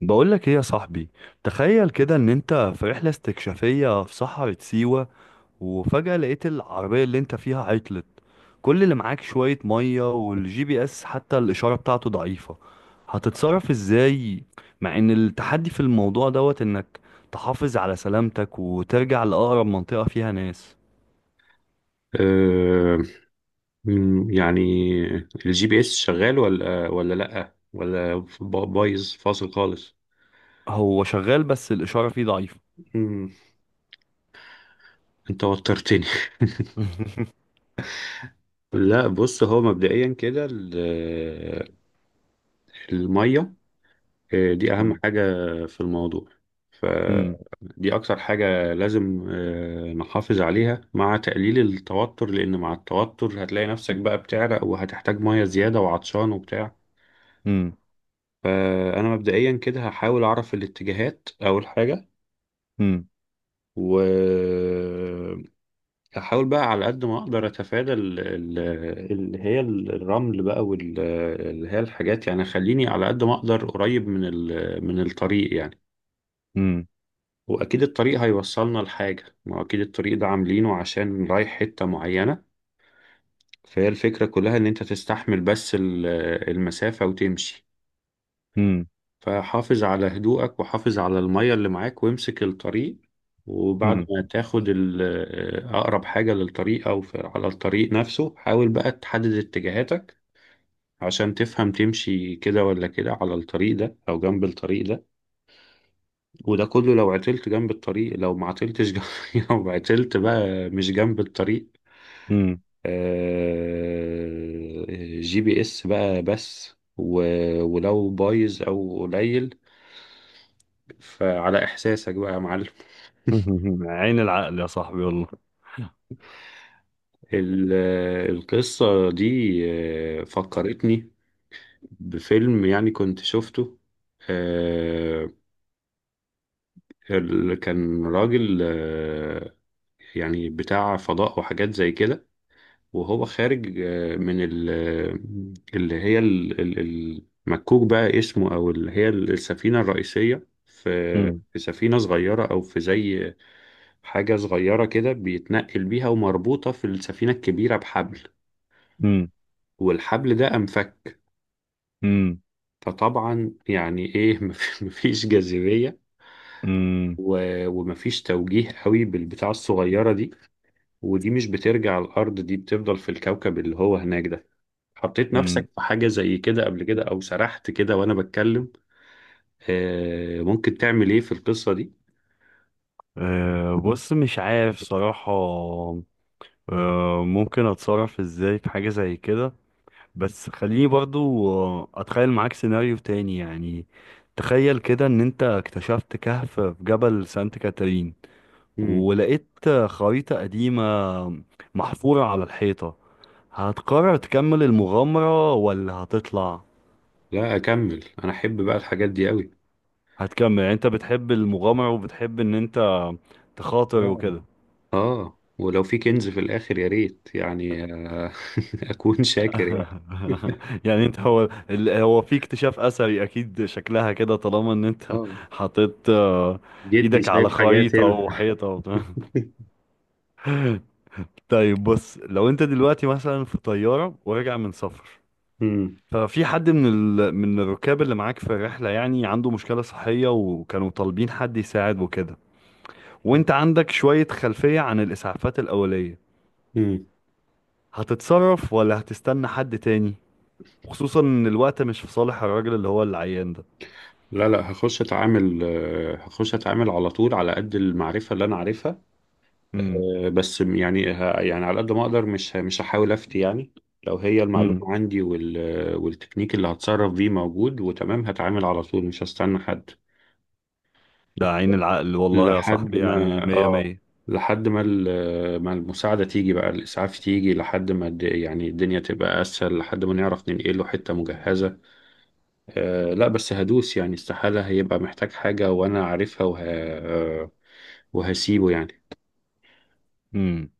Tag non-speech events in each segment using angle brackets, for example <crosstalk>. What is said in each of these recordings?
بقول لك ايه يا صاحبي؟ تخيل كده ان انت في رحلة استكشافية في صحراء سيوة، وفجأة لقيت العربية اللي انت فيها عطلت. كل اللي معاك شوية مية والجي بي اس حتى الإشارة بتاعته ضعيفة. هتتصرف ازاي؟ مع ان التحدي في الموضوع دوت انك تحافظ على سلامتك وترجع لأقرب منطقة فيها ناس. أه. يعني الجي بي اس شغال ولا لأ ولا بايظ فاصل خالص. هو شغال بس الإشارة فيه ضعيفة. مم، انت وترتني. <laughs> <laughs> لا، بص، هو مبدئيا كده المية، دي أهم مم. حاجة في الموضوع. مم. فدي أكتر حاجة لازم نحافظ عليها، مع تقليل التوتر، لأن مع التوتر هتلاقي نفسك بقى بتعرق وهتحتاج مية زيادة وعطشان وبتاع. مم. فأنا مبدئيا كده هحاول أعرف الاتجاهات أول حاجة، وهحاول بقى على قد ما أقدر أتفادى اللي هي الرمل بقى، واللي هي الحاجات، يعني خليني على قد ما أقدر قريب من الطريق يعني. مم. وأكيد الطريق هيوصلنا لحاجة، ما هو أكيد الطريق ده عاملينه عشان رايح حتة معينة. فهي الفكرة كلها إن أنت تستحمل بس المسافة وتمشي. مم. فحافظ على هدوءك، وحافظ على المية اللي معاك، وامسك الطريق. وبعد مم. ما تاخد أقرب حاجة للطريق أو على الطريق نفسه، حاول بقى تحدد اتجاهاتك عشان تفهم تمشي كده ولا كده، على الطريق ده أو جنب الطريق ده. وده كله لو عطلت جنب الطريق، لو ما عطلتش جنب. <laughs> لو عطلت بقى مش جنب الطريق، مم. آه، جي بي اس بقى، بس ولو بايظ أو قليل فعلى إحساسك بقى يا معلم. <laughs> عين العقل يا صاحبي والله. ال- القصة دي فكرتني بفيلم يعني كنت شفته. آه، كان راجل، يعني بتاع فضاء وحاجات زي كده، وهو خارج اللي هي المكوك بقى اسمه، أو اللي هي السفينة الرئيسية، في مم. في سفينة صغيرة أو في زي حاجة صغيرة كده بيتنقل بيها، ومربوطة في السفينة الكبيرة بحبل، مم. والحبل ده أنفك. مم. فطبعا يعني ايه <laughs> مفيش جاذبية، مم. ومفيش توجيه قوي بالبتاعة الصغيرة دي، ودي مش بترجع الأرض، دي بتفضل في الكوكب اللي هو هناك ده. حطيت مم. نفسك في حاجة زي كده قبل كده، أو سرحت كده وأنا بتكلم؟ ممكن تعمل إيه في القصة دي؟ أه. <laughs> بص مش عارف صراحة. أه، ممكن اتصرف ازاي في حاجة زي كده؟ بس خليني برضو اتخيل معاك سيناريو تاني يعني. تخيل كده ان انت اكتشفت كهف في جبل سانت كاترين، مم. ولقيت خريطة قديمة محفورة على الحيطة. هتقرر تكمل المغامرة ولا هتطلع؟ لا، أكمل، أنا أحب بقى الحاجات دي قوي. هتكمل، يعني انت بتحب المغامرة وبتحب ان انت تخاطر آه. وكده. ولو في كنز في الآخر يا ريت يعني. آه. <laughs> أكون شاكر يعني. <laughs> <laughs> يعني انت هو هو في اكتشاف اثري اكيد شكلها كده، طالما ان انت آه حطيت جدي ايدك على شايف حاجات خريطة هنا. وحيطة وبتاع. <laughs> طيب بص، لو انت دلوقتي مثلا في طيارة وراجع من سفر، <laughs> مم. ففي حد من الركاب اللي معاك في الرحلة يعني عنده مشكلة صحية وكانوا طالبين حد يساعد وكده، وانت عندك شوية خلفية عن الاسعافات الاولية. مم. هتتصرف ولا هتستنى حد تاني؟ خصوصا ان الوقت مش في صالح الراجل اللي هو العيان ده. لا لا، هخش اتعامل على طول، على قد المعرفة اللي انا عارفها. امم. بس يعني يعني على قد ما اقدر، مش هحاول افتي يعني. لو هي المعلومة امم. عندي والتكنيك اللي هتصرف بيه موجود وتمام، هتعامل على طول، مش هستنى حد. ده عين العقل والله يا لحد صاحبي، يعني ما مية اه مية. لحد ما ما المساعدة تيجي بقى، الإسعاف تيجي، لحد ما يعني الدنيا تبقى أسهل، لحد ما نعرف ننقله حتة مجهزة. لا، بس هدوس يعني، استحالة هيبقى محتاج حاجة وأنا عارفها وه... آه، وهسيبه يعني. امم.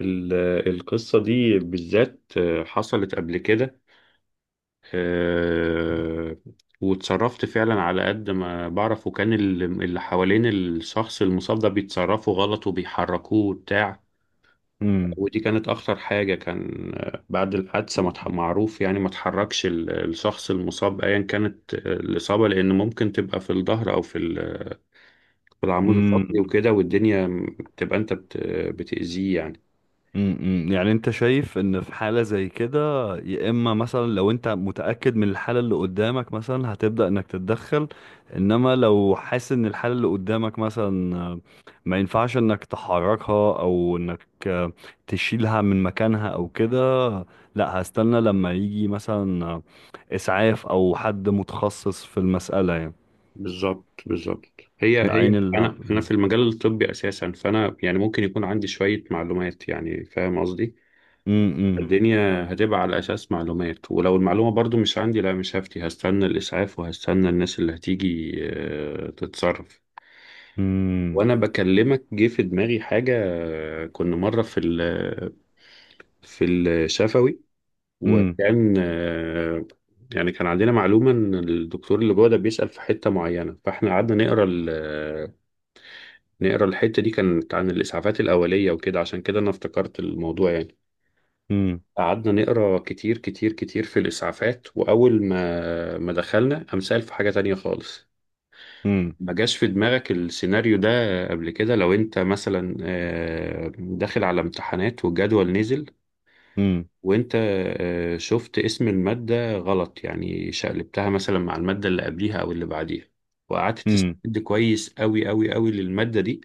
ال- القصة دي بالذات حصلت قبل كده. آه، واتصرفت فعلا على قد ما بعرف، وكان اللي حوالين الشخص المصاب ده بيتصرفوا غلط وبيحركوه وبتاع. امم. ودي كانت أخطر حاجة، كان بعد الحادثة ما اتح- معروف يعني ما تحركش الشخص المصاب أيا كانت الإصابة، لأن ممكن تبقى في الظهر أو في العمود الفقري امم. وكده، والدنيا بتبقى انت بتأذيه يعني. امم. يعني انت شايف ان في حالة زي كده، يا اما مثلا لو انت متأكد من الحالة اللي قدامك مثلا هتبدأ انك تتدخل، انما لو حاسس ان الحالة اللي قدامك مثلا ما ينفعش انك تحركها او انك تشيلها من مكانها او كده، لا هستنى لما يجي مثلا اسعاف او حد متخصص في المسألة يعني. بالظبط بالظبط. هي العين هي اللي. انا في المجال الطبي اساسا، فانا يعني ممكن يكون عندي شوية معلومات يعني، فاهم قصدي؟ امم. الدنيا هتبقى على اساس معلومات. ولو المعلومة برضو مش عندي، لا، مش هفتي، هستنى الاسعاف وهستنى الناس اللي هتيجي تتصرف. امم. وانا بكلمك جه في دماغي حاجة. كنا مرة في الشفوي، امم. وكان يعني كان عندنا معلومة إن الدكتور اللي جوه ده بيسأل في حتة معينة، فإحنا قعدنا نقرا الحتة دي، كانت عن الإسعافات الأولية وكده، عشان كده أنا افتكرت الموضوع يعني. امم. قعدنا نقرا كتير كتير كتير في الإسعافات، وأول ما دخلنا قام سأل في حاجة تانية خالص. امم. ما جاش في دماغك السيناريو ده قبل كده؟ لو أنت مثلا داخل على امتحانات والجدول نزل، وانت شفت اسم المادة غلط، يعني شقلبتها مثلا مع المادة اللي قبليها او اللي بعديها، وقعدت امم. تستند كويس قوي قوي قوي للمادة دي،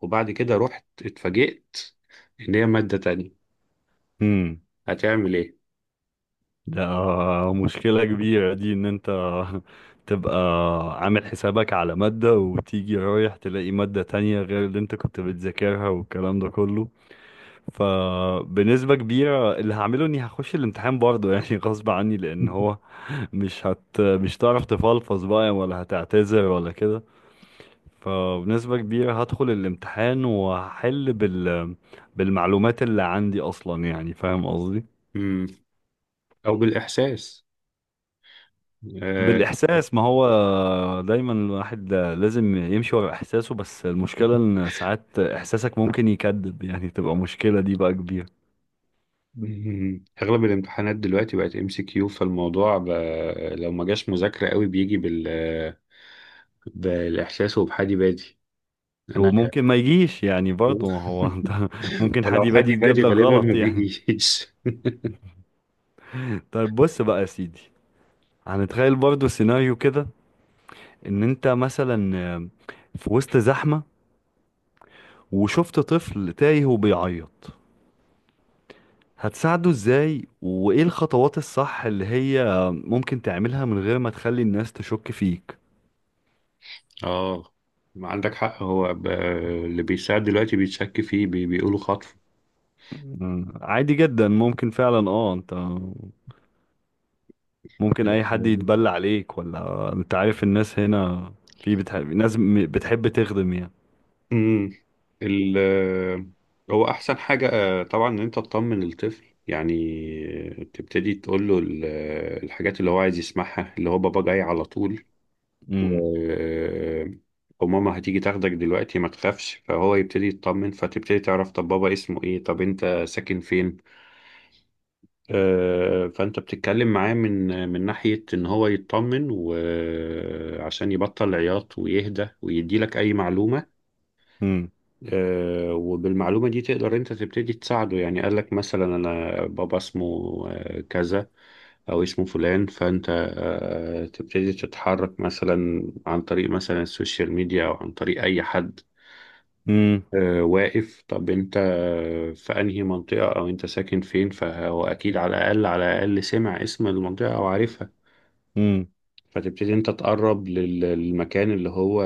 وبعد كده رحت اتفاجئت ان هي مادة تانية، امم. هتعمل ايه؟ ده مشكلة كبيرة دي ان انت <laughs> تبقى عامل حسابك على مادة وتيجي رايح تلاقي مادة تانية غير اللي انت كنت بتذاكرها والكلام ده كله. فبنسبة كبيرة اللي هعمله اني هخش الامتحان برضه، <laughs> يعني غصب عني، لان هو <laughs> مش هتعرف تفلفظ بقى ولا هتعتذر ولا كده. فبنسبة كبيرة هدخل الامتحان وهحل بالمعلومات اللي عندي اصلا، يعني فاهم قصدي. مم. او بالاحساس. آه، بالإحساس، ما هو دايما الواحد لازم يمشي ورا إحساسه، بس المشكلة <laughs> إن ساعات إحساسك ممكن يكذب، يعني تبقى مشكلة دي بقى كبيرة. مم. اغلب الامتحانات دلوقتي بقت ام سي كيو، فالموضوع لو ما جاش مذاكرة قوي بيجي بالاحساس وبحادي بادي انا. وممكن ما يجيش يعني برضه ما هو، <laughs> أنت <laughs> ممكن حد ولو حد يبادي يتجاب يبادي لك غالبا غلط ما يعني. بيجيش. طيب بص بقى يا سيدي، هنتخيل برضه سيناريو كده. إن أنت مثلا في وسط زحمة وشفت طفل تايه وبيعيط، هتساعده ازاي وايه الخطوات الصح اللي هي ممكن تعملها من غير ما تخلي الناس تشك فيك؟ <laughs> اه ما عندك حق. هو اللي بيساعد دلوقتي بيتشك فيه، بيقولوا خطف. مم. عادي جدا، ممكن فعلا اه انت ممكن اي حد يتبلى عليك، ولا انت عارف الناس هنا في بتحب ناس بتحب تخدم يعني. امم ال... هو احسن حاجة طبعا ان انت تطمن الطفل يعني. تبتدي تقول له الحاجات اللي هو عايز يسمعها، اللي هو بابا جاي على طول، مم. و... وماما هتيجي تاخدك دلوقتي ما تخافش، فهو يبتدي يطمن، فتبتدي تعرف طب بابا اسمه ايه، طب انت ساكن فين. فانت بتتكلم معاه من ناحية ان هو يطمن وعشان يبطل عياط ويهدى ويدي لك اي معلومة. مم. وبالمعلومة دي تقدر انت تبتدي تساعده، يعني قال لك مثلا انا بابا اسمه كذا، او اسمه فلان، فانت تبتدي تتحرك مثلا عن طريق مثلا السوشيال ميديا، او عن طريق اي حد مم. واقف، طب انت في انهي منطقة او انت ساكن فين، فهو اكيد على الاقل على الاقل سمع اسم المنطقة او عارفها. مم. فتبتدي انت تقرب للمكان اللي هو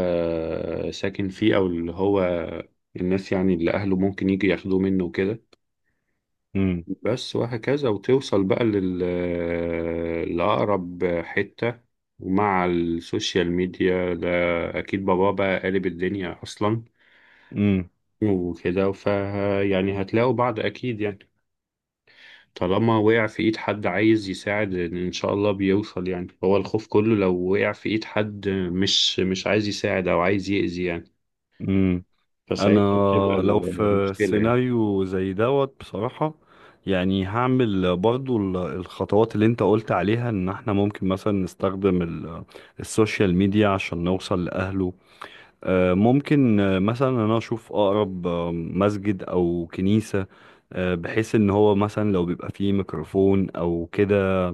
ساكن فيه، او اللي هو الناس يعني اللي اهله ممكن يجي ياخدوه منه وكده، مم. بس. وهكذا وتوصل بقى لأقرب حتة. ومع السوشيال ميديا ده اكيد بابا بقى قالب الدنيا اصلا مم. وكده، ف يعني هتلاقوا بعض اكيد يعني. طالما وقع في ايد حد عايز يساعد ان شاء الله بيوصل يعني، هو الخوف كله لو وقع في ايد حد مش عايز يساعد او عايز يأذي يعني. مم. انا فساعتها بتبقى لو في المشكلة يعني. سيناريو زي دوت بصراحة، يعني هعمل برضو الخطوات اللي انت قلت عليها ان احنا ممكن مثلا نستخدم السوشيال ميديا عشان نوصل لأهله. ممكن مثلا انا اشوف اقرب مسجد او كنيسة، بحيث ان هو مثلا لو بيبقى فيه ميكروفون او كده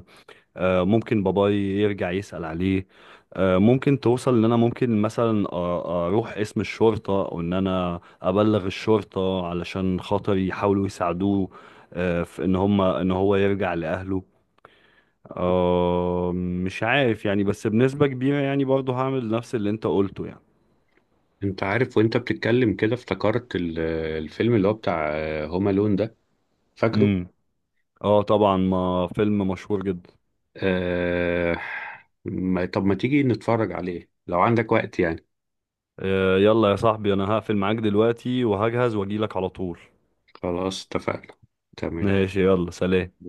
ممكن باباي يرجع يسأل عليه. ممكن توصل ان انا ممكن مثلا اروح اسم الشرطة او ان انا ابلغ الشرطة علشان خاطر يحاولوا يساعدوه، في ان هم ان هو يرجع لأهله. مش عارف يعني، بس بنسبة كبيرة يعني برضه هعمل نفس اللي انت قلته. انت عارف، وانت بتتكلم كده افتكرت الفيلم اللي هو بتاع هوم الون ده، فاكره؟ يعني اه طبعا، ما فيلم مشهور جدا. آه... ما... طب ما تيجي نتفرج عليه لو عندك وقت يعني. يلا يا صاحبي انا هقفل معاك دلوقتي وهجهز واجيلك على طول. خلاص، اتفقنا. تمام. ماشي، يلا سلام.